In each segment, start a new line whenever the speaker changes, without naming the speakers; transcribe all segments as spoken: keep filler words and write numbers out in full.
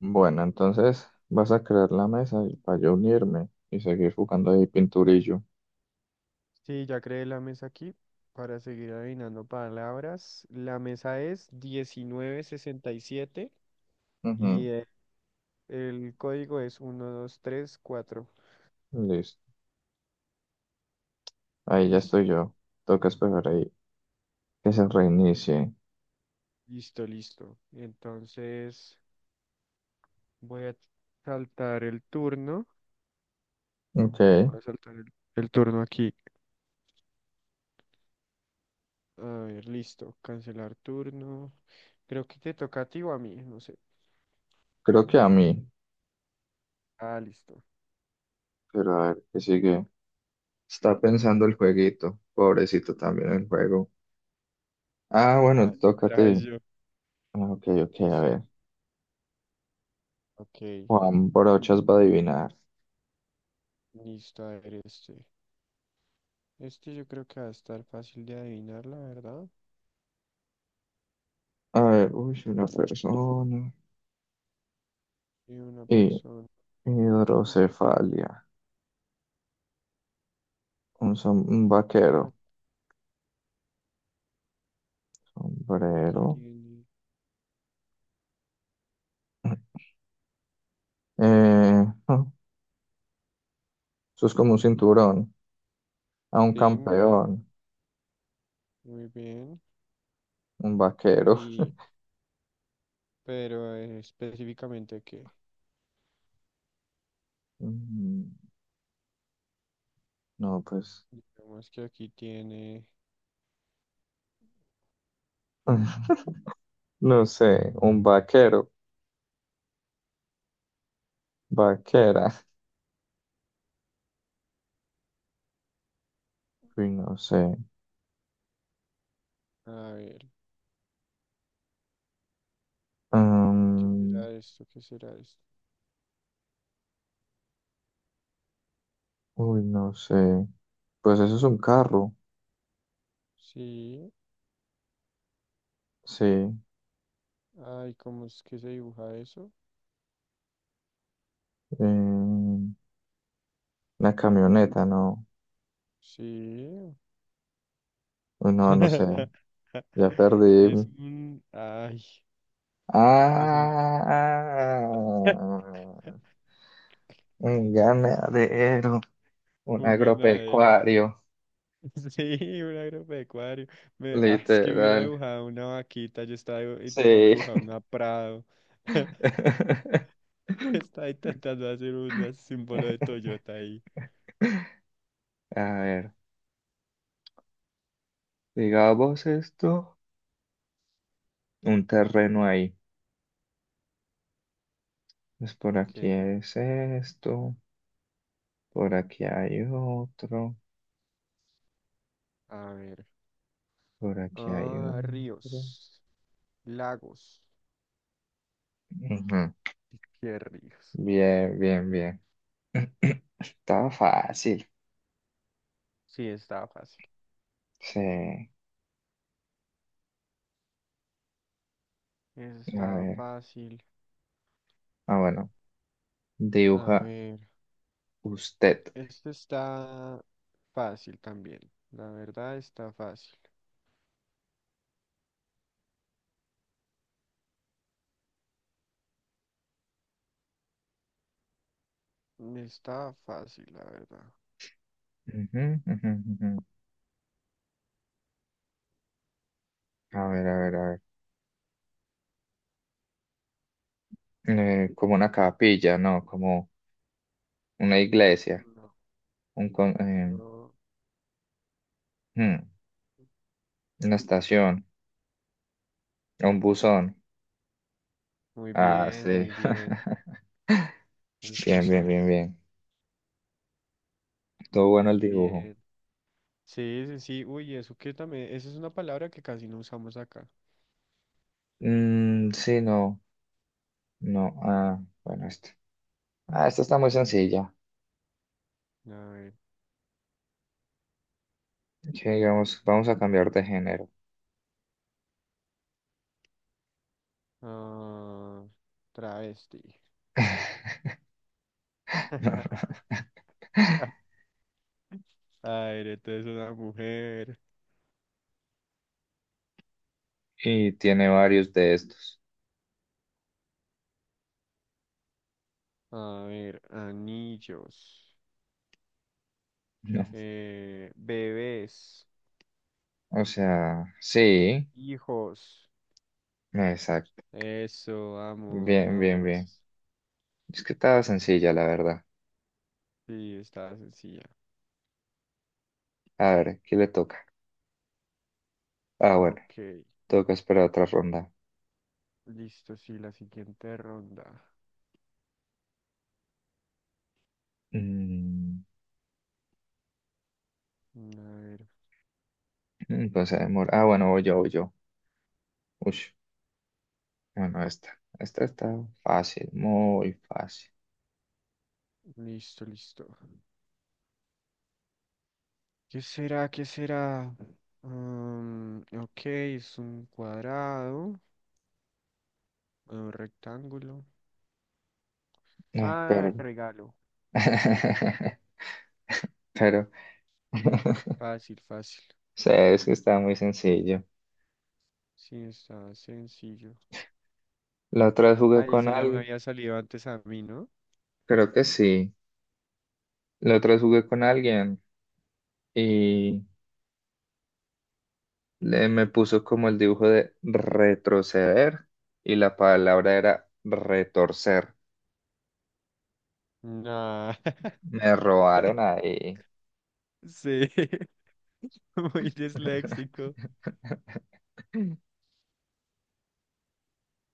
Bueno, entonces vas a crear la mesa y para yo unirme y seguir jugando ahí pinturillo.
Sí, ya creé la mesa aquí para seguir adivinando palabras. La mesa es diecinueve sesenta y siete
Ujú.
y el, el código es uno dos tres cuatro.
Listo. Ahí ya estoy
Listo,
yo. Toca esperar ahí que se reinicie.
listo, listo. Entonces voy a saltar el turno.
Ok,
Voy a saltar el, el turno aquí. A ver, listo. Cancelar turno. Creo que te toca a ti o a mí, no sé.
creo que a mí.
Ah, listo.
Pero a ver, ¿qué sigue? Está pensando el jueguito. Pobrecito también el juego. Ah, bueno,
Ajá,
toca a ti.
otra vez yo.
Ah, ok, ok, a
Listo.
ver.
Ok,
Juan Brochas va a adivinar.
listo. A ver este. Este yo creo que va a estar fácil de adivinar, la verdad.
A ver, uy, una persona.
Y una
Y
persona.
hidrocefalia. Un, som- un
Y
vaquero.
ac- y aquí
Sombrero.
tiene.
Eh, ah, eso es como un cinturón, a un
Sí, muy bien,
campeón,
muy bien.
un vaquero.
Y, pero eh, específicamente que,
Mm, No, pues,
digamos que aquí tiene.
no sé, un vaquero, vaquera. Uy, no sé.
A ver, ¿qué
Mm,
será esto? ¿Qué será esto?
uy, no sé. Pues eso es un carro,
Sí.
sí. Eh,
Ay, ¿cómo es que se dibuja eso?
una camioneta, no.
Sí.
Uy, no, no sé. Ya perdí.
Es un. Ay, es un, ga-
Ah, un ganadero. Un
un ganadero.
agropecuario,
Sí, un agropecuario. Me, ah, es que hubiera
literal.
dibujado una vaquita, yo estaba dibu- intentando
Sí.
dibujar una Prado. Estaba intentando hacer un símbolo de Toyota ahí.
A ver, digamos esto, un terreno ahí. Pues por
Ok,
aquí es esto, por aquí hay otro,
a ver.
por aquí hay
Ah,
otro.
ríos, lagos.
Ujú.
¿Qué ríos?
Bien, bien, bien. Estaba fácil.
Sí, estaba fácil.
Sí. A
Eso estaba
ver.
fácil.
Ah, bueno.
A
Dibuja
ver,
usted.
este está fácil también. La verdad está fácil. Está fácil, la verdad.
Ujú, ujú, ujú. A ver, a ver, a ver. Eh, como una capilla, no, como una iglesia,
No,
un con- eh,
no.
hmm, una estación, un buzón.
Muy
Ah,
bien,
sí.
muy bien. Un
Bien, bien,
buzón.
bien, bien. Todo bueno el dibujo.
Bien. Sí, sí, sí. Uy, eso que también, esa es una palabra que casi no usamos acá.
Mm, sí, no, no. Ah, bueno, esto. Ah, esta está muy sencilla.
A ver.
Que digamos, vamos a cambiar de género.
Ah, travesti. A ver, entonces una mujer.
Y tiene varios de estos.
A ver, anillos.
No.
Eh, bebés.
O sea, sí,
Hijos.
exacto.
Eso, vamos,
Bien, bien, bien.
vamos.
Es que estaba sencilla, la verdad.
Sí, está sencilla.
A ver, ¿qué le toca? Ah, bueno,
Ok.
toca esperar otra ronda.
Listo, sí, la siguiente ronda.
Mm,
A ver.
entonces amor. Ah, bueno, voy yo, voy yo. Ush, bueno, esta. Esta está fácil, muy fácil.
Listo, listo. ¿Qué será? ¿Qué será? Mm, ok, es un cuadrado, un rectángulo.
Ah,
Ah,
pero.
regalo.
Pero.
Fácil, fácil.
O sea, es que está muy sencillo.
Sí, está sencillo.
La otra vez jugué
Ay,
con
esa ya me
alguien,
había salido antes a mí, ¿no?
creo que sí. La otra vez jugué con alguien y le, me puso como el dibujo de retroceder y la palabra era retorcer.
Nah.
Me robaron ahí.
Sí, muy disléxico.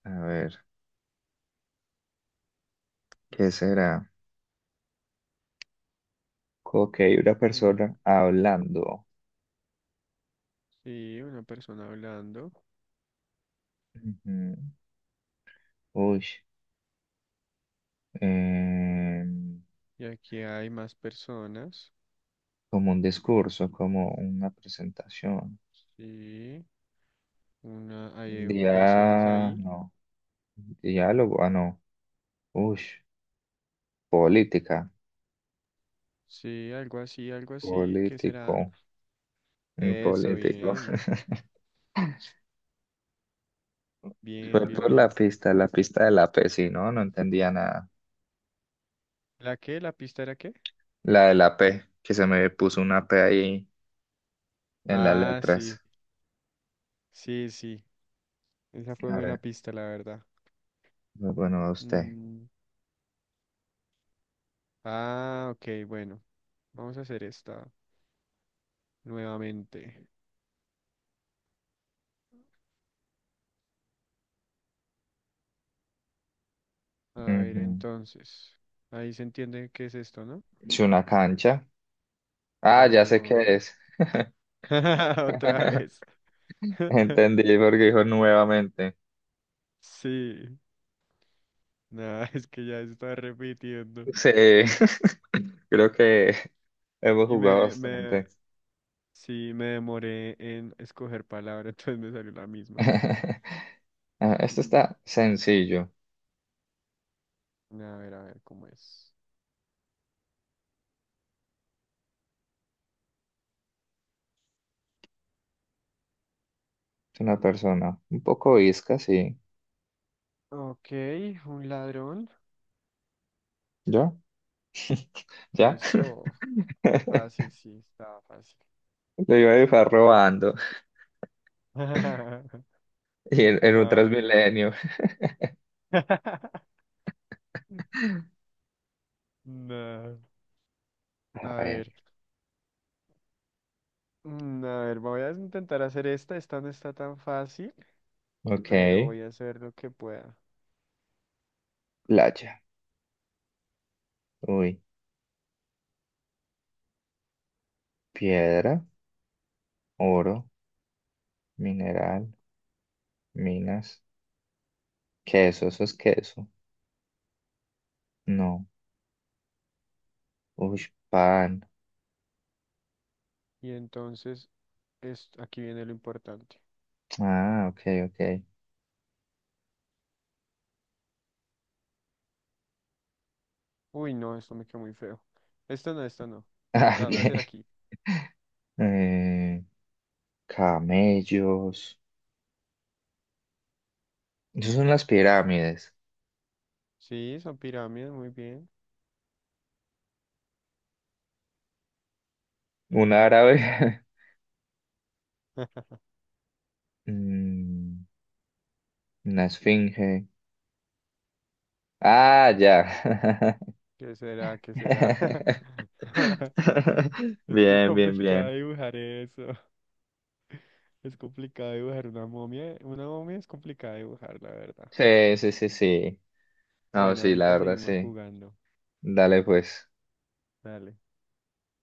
A ver, ¿qué será? Ok, una
Ah,
persona hablando.
sí, una persona hablando.
Ujú. Uy, em,
Y aquí hay más personas.
Como un discurso, como una presentación.
Sí, una, hay personas
Dia,
ahí.
no. Diálogo, ah, no. Uy, política.
Sí, algo así, algo así. ¿Qué
Político.
será?
Un
Eso,
político.
bien. Bien,
Fue
bien,
por la
bien.
pista, la pista de la P, sí, no, no entendía nada.
¿La qué? ¿La pista era qué?
La de la P, que se me puso una P ahí en las
Ah, sí.
letras.
Sí, sí. Esa fue
A
buena
ver,
pista, la verdad.
bueno, a usted.
Mm, ah, ok, bueno. Vamos a hacer esta nuevamente. A ver,
Ujú.
entonces. Ahí se entiende qué es esto, ¿no?
Sí, una cancha. Ah, ya
Obvio,
sé qué
obvio.
es.
Otra vez.
Entendí porque dijo nuevamente.
Sí. Nada, es que ya está repitiendo.
Sí, creo que hemos
Y
jugado
me, me,
bastante.
sí, me demoré en escoger palabra, entonces me salió la misma.
Ah, esto está sencillo.
A ver, a ver cómo es.
Es una persona un poco isca, sí.
Ok, un ladrón.
¿Yo? ¿Ya?
Eso, fácil, sí, estaba fácil.
Lo iba a dejar robando. Y en, en un
Ay, no.
Transmilenio.
No.
A
A
ver.
ver, mm, a ver, voy a intentar hacer esta. Esta no está tan fácil,
Ok.
pero voy a hacer lo que pueda.
Playa. Uy. Piedra. Oro. Mineral. Minas. Queso, eso es queso. No. Uy, pan.
Y entonces, es, aquí viene lo importante.
Ah, ok, ok.
Uy, no, esto me quedó muy feo. Esta no, esta no.
Ah,
La voy a hacer
ok.
aquí.
Eh, camellos. Esas son las pirámides.
Sí, son pirámides, muy bien.
Un árabe. Mm, una esfinge. Ah, ya.
¿Qué será? ¿Qué será? Es que es
Bien, bien,
complicado
bien.
dibujar eso. Es complicado dibujar una momia. Una momia es complicado dibujar, la verdad.
Sí, sí, sí, sí. No,
Bueno,
sí, la
ahorita
verdad,
seguimos
sí.
jugando.
Dale, pues.
Dale.